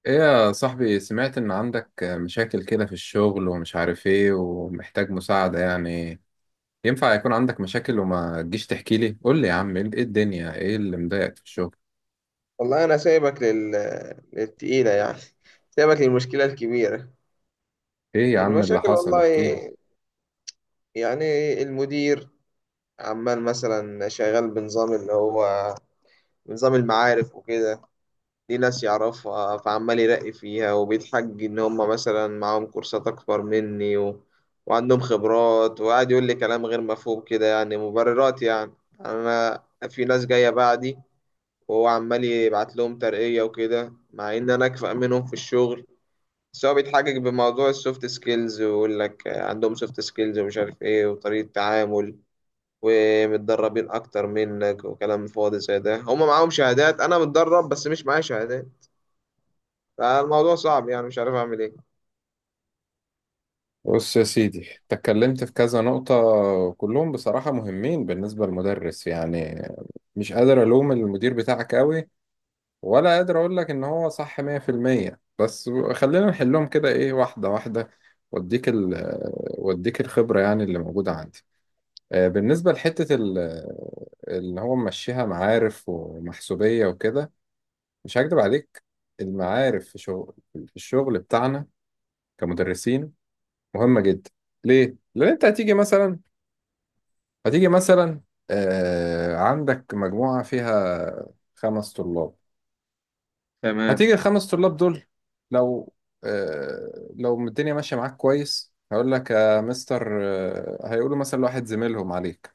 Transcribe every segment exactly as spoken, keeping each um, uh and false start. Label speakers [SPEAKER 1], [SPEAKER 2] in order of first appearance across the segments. [SPEAKER 1] ايه يا صاحبي، سمعت ان عندك مشاكل كده في الشغل ومش عارف ايه ومحتاج مساعدة يعني. ينفع يكون عندك مشاكل وما تجيش تحكي لي؟ قول لي يا عم، ايه إيه الدنيا؟ ايه اللي مضايقك في الشغل؟
[SPEAKER 2] والله أنا سايبك لل... للتقيلة يعني. سايبك للمشكلة الكبيرة.
[SPEAKER 1] ايه يا عم اللي
[SPEAKER 2] المشاكل
[SPEAKER 1] حصل؟
[SPEAKER 2] والله
[SPEAKER 1] احكي لي.
[SPEAKER 2] يعني، المدير عمال مثلا شغال بنظام اللي هو نظام المعارف وكده. دي ناس يعرفها فعمال يرقي فيها وبيتحج إن هم مثلا معاهم كورسات أكبر مني و... وعندهم خبرات، وقاعد يقول لي كلام غير مفهوم كده، يعني مبررات يعني. أنا في ناس جاية بعدي وهو عمال يبعت لهم ترقية وكده، مع إن أنا أكفأ منهم في الشغل. بس هو بيتحجج بموضوع السوفت سكيلز، ويقول لك عندهم سوفت سكيلز ومش عارف إيه وطريقة تعامل ومتدربين أكتر منك، وكلام فاضي زي ده. هما معاهم شهادات، أنا متدرب بس مش معايا شهادات. فالموضوع صعب يعني، مش عارف أعمل إيه.
[SPEAKER 1] بص يا سيدي، اتكلمت في كذا نقطة، وكلهم بصراحة مهمين بالنسبة للمدرس يعني. مش قادر الوم المدير بتاعك قوي، ولا قادر اقول لك ان هو صح ميه في الميه. بس خلينا نحلهم كده، ايه، واحده واحده. واديك ال واديك الخبره يعني اللي موجوده عندي. آه، بالنسبه لحته ال- اللي هو ممشيها معارف ومحسوبيه وكده، مش هكدب عليك، المعارف في شغل في الشغل بتاعنا كمدرسين مهمه جدا. ليه؟ لان انت هتيجي مثلا، هتيجي مثلا آه، عندك مجموعه فيها خمس طلاب.
[SPEAKER 2] تمام.
[SPEAKER 1] هتيجي الخمس طلاب دول، لو، آه لو الدنيا ماشية معاك كويس، هقول لك يا مستر. آه هيقولوا مثلا لواحد زميلهم عليك،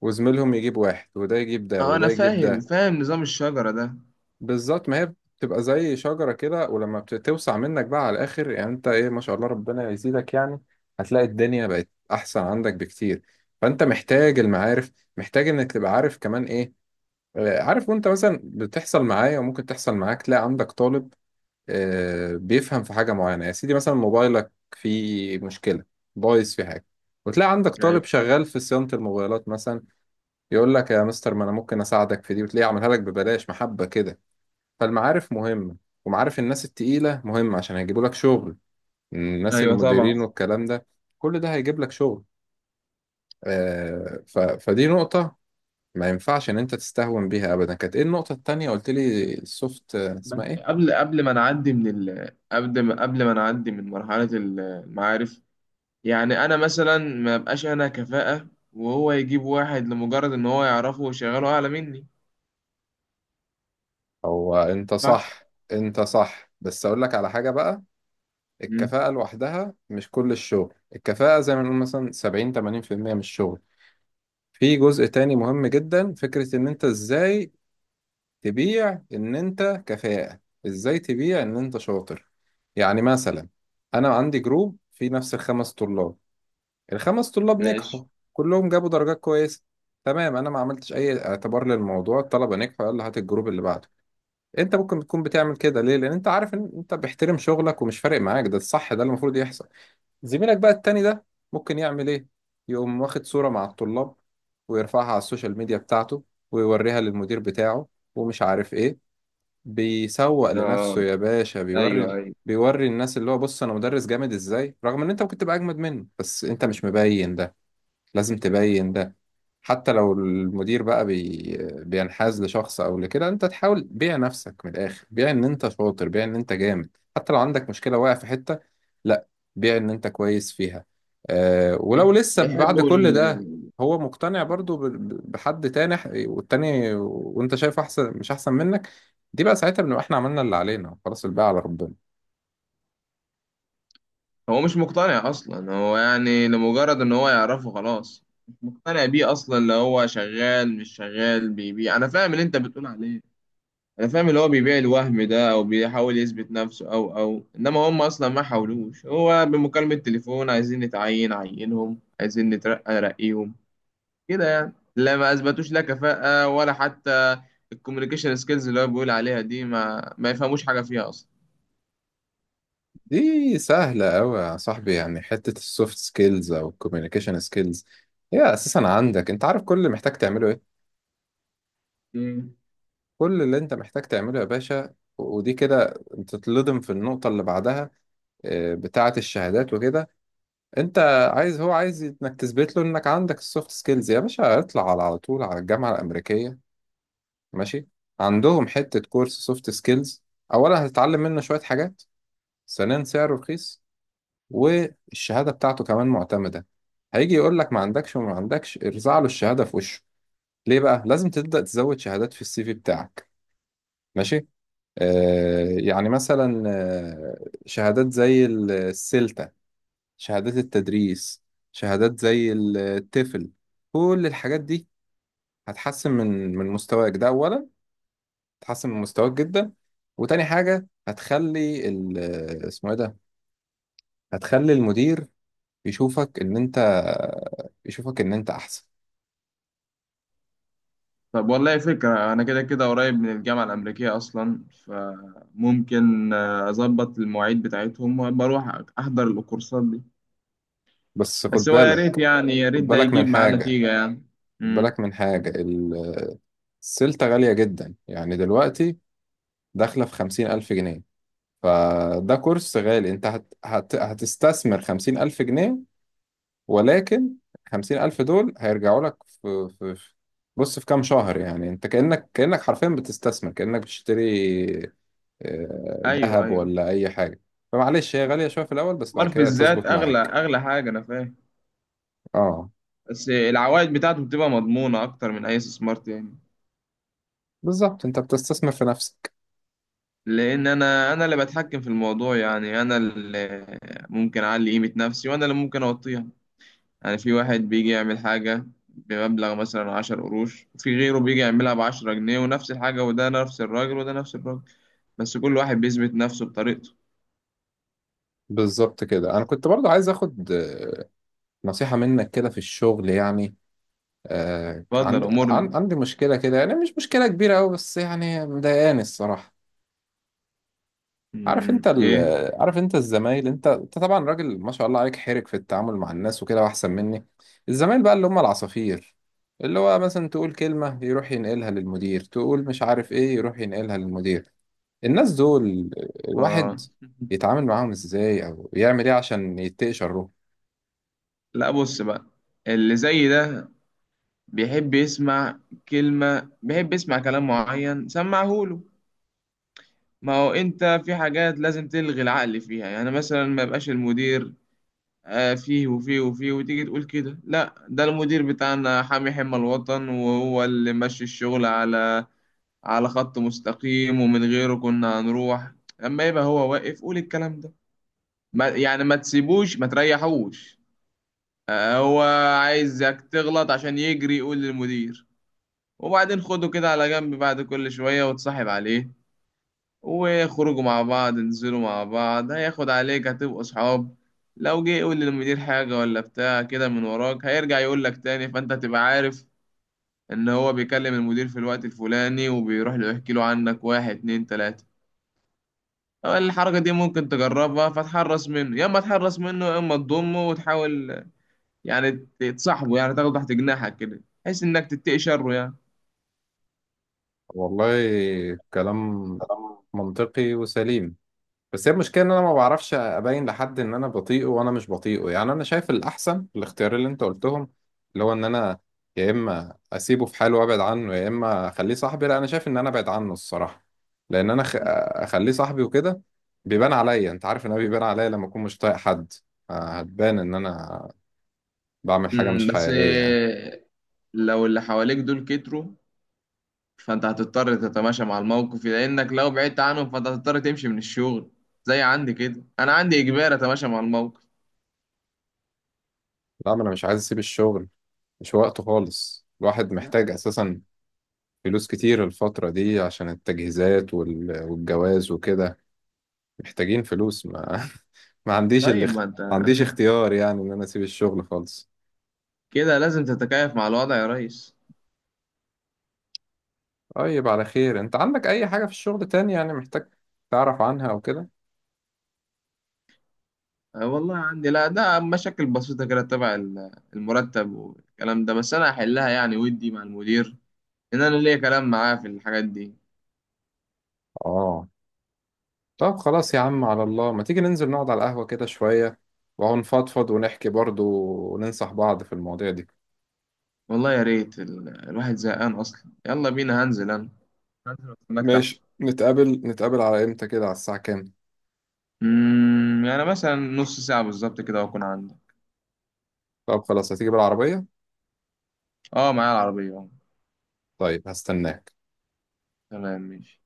[SPEAKER 1] وزميلهم يجيب واحد، وده يجيب ده،
[SPEAKER 2] اه، انا
[SPEAKER 1] وده يجيب
[SPEAKER 2] فاهم
[SPEAKER 1] ده.
[SPEAKER 2] فاهم نظام الشجرة ده.
[SPEAKER 1] بالظبط، ما هي بتبقى زي شجرة كده، ولما بتوسع منك بقى على الآخر، يعني أنت إيه ما شاء الله، ربنا يزيدك يعني. هتلاقي الدنيا بقت أحسن عندك بكتير. فأنت محتاج المعارف، محتاج إنك تبقى عارف كمان إيه. آه، عارف، وأنت مثلا بتحصل معايا وممكن تحصل معاك، تلاقي عندك طالب آه، بيفهم في حاجة معينة. يا سيدي مثلا موبايلك فيه مشكلة، بايظ في حاجة، وتلاقي عندك
[SPEAKER 2] ايوه
[SPEAKER 1] طالب شغال في صيانة الموبايلات مثلا، يقول لك يا مستر ما أنا ممكن أساعدك في دي، وتلاقيه عملها لك ببلاش، محبة كده. فالمعارف مهمة، ومعارف الناس التقيلة مهمة عشان هيجيبوا لك شغل. الناس
[SPEAKER 2] ايوه، طبعا.
[SPEAKER 1] المديرين والكلام ده كل ده هيجيب لك شغل. آه، ف... فدي نقطة ما ينفعش إن أنت تستهون بيها أبدا. كانت إيه النقطة التانية؟ قلت لي السوفت، آه،
[SPEAKER 2] بس
[SPEAKER 1] اسمها إيه؟
[SPEAKER 2] قبل قبل ما نعدي من ال... قبل ما قبل ما نعدي من مرحلة المعارف، يعني انا مثلا ما بقاش انا كفاءة وهو يجيب واحد لمجرد ان هو يعرفه ويشغله اعلى مني.
[SPEAKER 1] هو انت
[SPEAKER 2] صح.
[SPEAKER 1] صح، انت صح. بس اقول لك على حاجة بقى.
[SPEAKER 2] مم.
[SPEAKER 1] الكفاءة لوحدها مش كل الشغل، الكفاءة زي ما نقول مثلا سبعين، تمانين في الميه من الشغل. في جزء تاني مهم جدا، فكرة ان انت ازاي تبيع ان انت كفاءة، ازاي تبيع ان انت شاطر. يعني مثلا انا عندي جروب فيه نفس الخمس طلاب. الخمس طلاب
[SPEAKER 2] ماشي.
[SPEAKER 1] نجحوا، كلهم جابوا درجات كويسة. تمام، انا ما عملتش اي اعتبار للموضوع، الطلبة نجحوا، يلا هات الجروب اللي بعده. انت ممكن تكون بتعمل كده ليه؟ لان انت عارف ان انت بيحترم شغلك ومش فارق معاك، ده الصح، ده اللي المفروض يحصل. زميلك بقى التاني ده ممكن يعمل ايه؟ يقوم واخد صورة مع الطلاب، ويرفعها على السوشيال ميديا بتاعته، ويوريها للمدير بتاعه ومش عارف ايه. بيسوق لنفسه
[SPEAKER 2] اه،
[SPEAKER 1] يا باشا،
[SPEAKER 2] ايوه
[SPEAKER 1] بيوري
[SPEAKER 2] ايوه.
[SPEAKER 1] بيوري الناس اللي هو، بص انا مدرس جامد ازاي. رغم ان انت ممكن تبقى اجمد منه، بس انت مش مبين ده، لازم تبين ده. حتى لو المدير بقى بي... بينحاز لشخص او لكده، انت تحاول بيع نفسك من الاخر، بيع ان انت شاطر، بيع ان انت جامد. حتى لو عندك مشكلة واقع في حتة، لا، بيع ان انت كويس فيها. أه، ولو لسه
[SPEAKER 2] بيحب
[SPEAKER 1] بعد كل
[SPEAKER 2] ال...
[SPEAKER 1] ده هو مقتنع برضو ب... ب- بحد تاني، ح- والتاني وانت شايف احسن مش احسن منك، دي بقى ساعتها بنبقى احنا عملنا اللي علينا، خلاص الباقي على ربنا.
[SPEAKER 2] هو مش مقتنع اصلا، هو يعني لمجرد ان هو يعرفه خلاص. مش مقتنع بيه اصلا. اللي هو شغال مش شغال بيبيع، انا فاهم اللي انت بتقول عليه. انا فاهم اللي هو بيبيع الوهم ده، او بيحاول يثبت نفسه، او او انما هم اصلا ما حاولوش. هو بمكالمة تليفون، عايزين نتعين عينهم، عايزين نترقى رقيهم، كده يعني. لا، ما اثبتوش لا كفاءة ولا حتى الكوميونيكيشن سكيلز اللي هو بيقول عليها دي، ما ما يفهموش حاجة فيها اصلا.
[SPEAKER 1] دي سهلة أوي يا صاحبي، يعني حتة السوفت سكيلز أو الكوميونيكيشن سكيلز هي أساسا عندك. أنت عارف كل اللي محتاج تعمله إيه؟
[SPEAKER 2] مم.
[SPEAKER 1] كل اللي أنت محتاج تعمله يا باشا، و- ودي كده تتلضم في النقطة اللي بعدها، آه، بتاعة الشهادات وكده. أنت عايز، هو عايز إنك تثبت له إنك عندك السوفت سكيلز، يا باشا اطلع على على طول على الجامعة الأمريكية، ماشي، عندهم حتة كورس سوفت سكيلز. أولا هتتعلم منه شوية حاجات، ثانيا سعره رخيص، والشهادة بتاعته كمان معتمدة. هيجي يقول لك ما عندكش وما عندكش، ارزع له الشهادة في وشه. ليه بقى؟ لازم تبدأ تزود شهادات في السي في بتاعك، ماشي. آه يعني مثلا، آه شهادات زي السلتا، شهادات التدريس، شهادات زي التفل، كل الحاجات دي هتحسن من من مستواك ده أولا، هتحسن من مستواك جدا. وتاني حاجة هتخلي، ال- آه، اسمه ايه ده، هتخلي المدير يشوفك ان انت يشوفك ان انت احسن.
[SPEAKER 2] طب والله فكرة، أنا كده كده قريب من الجامعة الأمريكية أصلا، فممكن آه، أظبط المواعيد بتاعتهم وبروح أحضر الكورسات دي.
[SPEAKER 1] بس خد
[SPEAKER 2] بس هو يا ريت
[SPEAKER 1] بالك،
[SPEAKER 2] يعني، يا ريت
[SPEAKER 1] خد
[SPEAKER 2] ده
[SPEAKER 1] بالك من
[SPEAKER 2] يجيب معاه
[SPEAKER 1] حاجة
[SPEAKER 2] نتيجة يعني.
[SPEAKER 1] خد
[SPEAKER 2] امم.
[SPEAKER 1] بالك من حاجة ال- السلطة غالية جدا يعني دلوقتي، داخلة في خمسين ألف جنيه. فده كورس غالي، انت هت... هت... هتستثمر خمسين ألف جنيه. ولكن خمسين ألف دول هيرجعوا لك في... في... في- بص في كام شهر يعني. انت كأنك كأنك حرفيا بتستثمر، كأنك بتشتري آه،
[SPEAKER 2] أيوه
[SPEAKER 1] ذهب
[SPEAKER 2] أيوه،
[SPEAKER 1] ولا أي حاجة. فمعلش هي غالية شوية في الأول، بس بعد
[SPEAKER 2] استثمار في
[SPEAKER 1] كده
[SPEAKER 2] الذات
[SPEAKER 1] تظبط
[SPEAKER 2] أغلى
[SPEAKER 1] معاك.
[SPEAKER 2] أغلى حاجة، أنا فاهم.
[SPEAKER 1] اه،
[SPEAKER 2] بس العوائد بتاعته بتبقى مضمونة أكتر من أي استثمار تاني.
[SPEAKER 1] بالظبط انت بتستثمر في نفسك.
[SPEAKER 2] لان انا انا اللي بتحكم في الموضوع، يعني انا اللي ممكن اعلي قيمة نفسي وانا اللي ممكن اوطيها. يعني في واحد بيجي يعمل حاجة بمبلغ مثلا 10 قروش، وفي غيره بيجي يعملها بعشرة جنيه، ونفس الحاجة، وده نفس الراجل وده نفس الراجل، بس كل واحد بيثبت نفسه بطريقته.
[SPEAKER 1] بالظبط كده. انا كنت برضو عايز اخد آه، نصيحة منك كده في الشغل يعني. آه
[SPEAKER 2] اتفضل
[SPEAKER 1] عندي،
[SPEAKER 2] امرني.
[SPEAKER 1] عن- عندي مشكلة كده، يعني مش مشكلة كبيرة قوي بس يعني مضايقاني الصراحة. عارف انت
[SPEAKER 2] مم،
[SPEAKER 1] ال...
[SPEAKER 2] ايه.
[SPEAKER 1] عارف انت الزمايل، انت انت طبعا راجل ما شاء الله عليك، حرك في التعامل مع الناس وكده واحسن مني. الزمايل بقى اللي هم العصافير، اللي هو مثلا تقول كلمة يروح ينقلها للمدير، تقول مش عارف ايه يروح ينقلها للمدير. الناس دول الواحد
[SPEAKER 2] اه.
[SPEAKER 1] يتعامل معاهم ازاي او يعمل ايه عشان يتقي شره؟
[SPEAKER 2] لا، بص بقى، اللي زي ده بيحب يسمع كلمة، بيحب يسمع كلام معين، سمعهوله. ما هو انت في حاجات لازم تلغي العقل فيها، يعني مثلا ما يبقاش المدير آه، فيه وفيه وفيه، وتيجي تقول كده لا ده المدير بتاعنا حامي حمى الوطن، وهو اللي ماشي الشغل على على خط مستقيم، ومن غيره كنا هنروح. لما يبقى هو واقف قول الكلام ده. ما يعني ما تسيبوش ما تريحوش. آه، هو عايزك تغلط عشان يجري يقول للمدير. وبعدين خده كده على جنب بعد كل شوية، وتصاحب عليه، وخرجوا مع بعض، انزلوا مع بعض، هياخد عليك هتبقوا صحاب. لو جه يقول للمدير حاجة ولا بتاع كده من وراك، هيرجع يقول لك تاني، فانت تبقى عارف ان هو بيكلم المدير في الوقت الفلاني، وبيروح له يحكي له عنك، واحد اتنين تلاتة. الحركة دي ممكن تجربها، فتحرص منه. يا اما تحرص منه، يا اما تضمه وتحاول يعني تصاحبه، يعني تاخده تحت جناحك كده بحيث انك تتقي شره يعني.
[SPEAKER 1] والله كلام منطقي وسليم. بس هي المشكله ان انا ما بعرفش ابين لحد ان انا بطيئه وانا مش بطيئه يعني. انا شايف الاحسن الاختيار اللي انت قلتهم، اللي هو ان انا يا اما اسيبه في حاله وابعد عنه، يا اما اخليه صاحبي. لا، انا شايف ان انا ابعد عنه الصراحه. لان انا خ... اخليه صاحبي وكده بيبان عليا، انت عارف ان انا بيبان عليا لما اكون مش طايق حد. آه، هتبان ان انا بعمل حاجة
[SPEAKER 2] مم،
[SPEAKER 1] مش
[SPEAKER 2] بس
[SPEAKER 1] حقيقية يعني.
[SPEAKER 2] آه، لو اللي حواليك دول كتروا، فانت هتضطر تتماشى مع الموقف، لانك لو بعدت عنهم فانت هتضطر تمشي من الشغل. زي عندي كده، انا عندي اجبار اتماشى مع الموقف.
[SPEAKER 1] لا، ما أنا مش عايز أسيب الشغل، مش وقته خالص. الواحد
[SPEAKER 2] لا.
[SPEAKER 1] محتاج أساسا فلوس كتير الفترة دي عشان التجهيزات وال- والجواز وكده، محتاجين فلوس. ما, ما عنديش، اللي
[SPEAKER 2] طيب ما انت
[SPEAKER 1] ما عنديش اختيار يعني إن أنا أسيب الشغل خالص.
[SPEAKER 2] كده لازم تتكيف مع الوضع يا ريس.
[SPEAKER 1] طيب على خير. أنت عندك أي حاجة في الشغل تاني يعني محتاج تعرف عنها أو كده؟
[SPEAKER 2] أه والله عندي، لا ده مشاكل بسيطة كده تبع ال- المرتب والكلام ده، بس انا هحلها يعني، ودي مع المدير ان انا ليا كلام معاه في الحاجات دي.
[SPEAKER 1] آه، طب خلاص يا عم، على الله ما تيجي ننزل نقعد على القهوة كده شوية، ونفضفض ونحكي برضو، وننصح بعض في المواضيع دي.
[SPEAKER 2] والله يا ريت، ال- الواحد زهقان اصلا. يلا بينا، هنزل انا هنزل استناك تحت.
[SPEAKER 1] ماشي، نتقابل نتقابل على امتى كده؟ على الساعة كام؟
[SPEAKER 2] أمم، يعني مثلا نص ساعة بالظبط كده واكون عندي.
[SPEAKER 1] طب خلاص، هتيجي بالعربية؟
[SPEAKER 2] اه، معايا العربية اه.
[SPEAKER 1] طيب، هستناك.
[SPEAKER 2] تمام ماشي.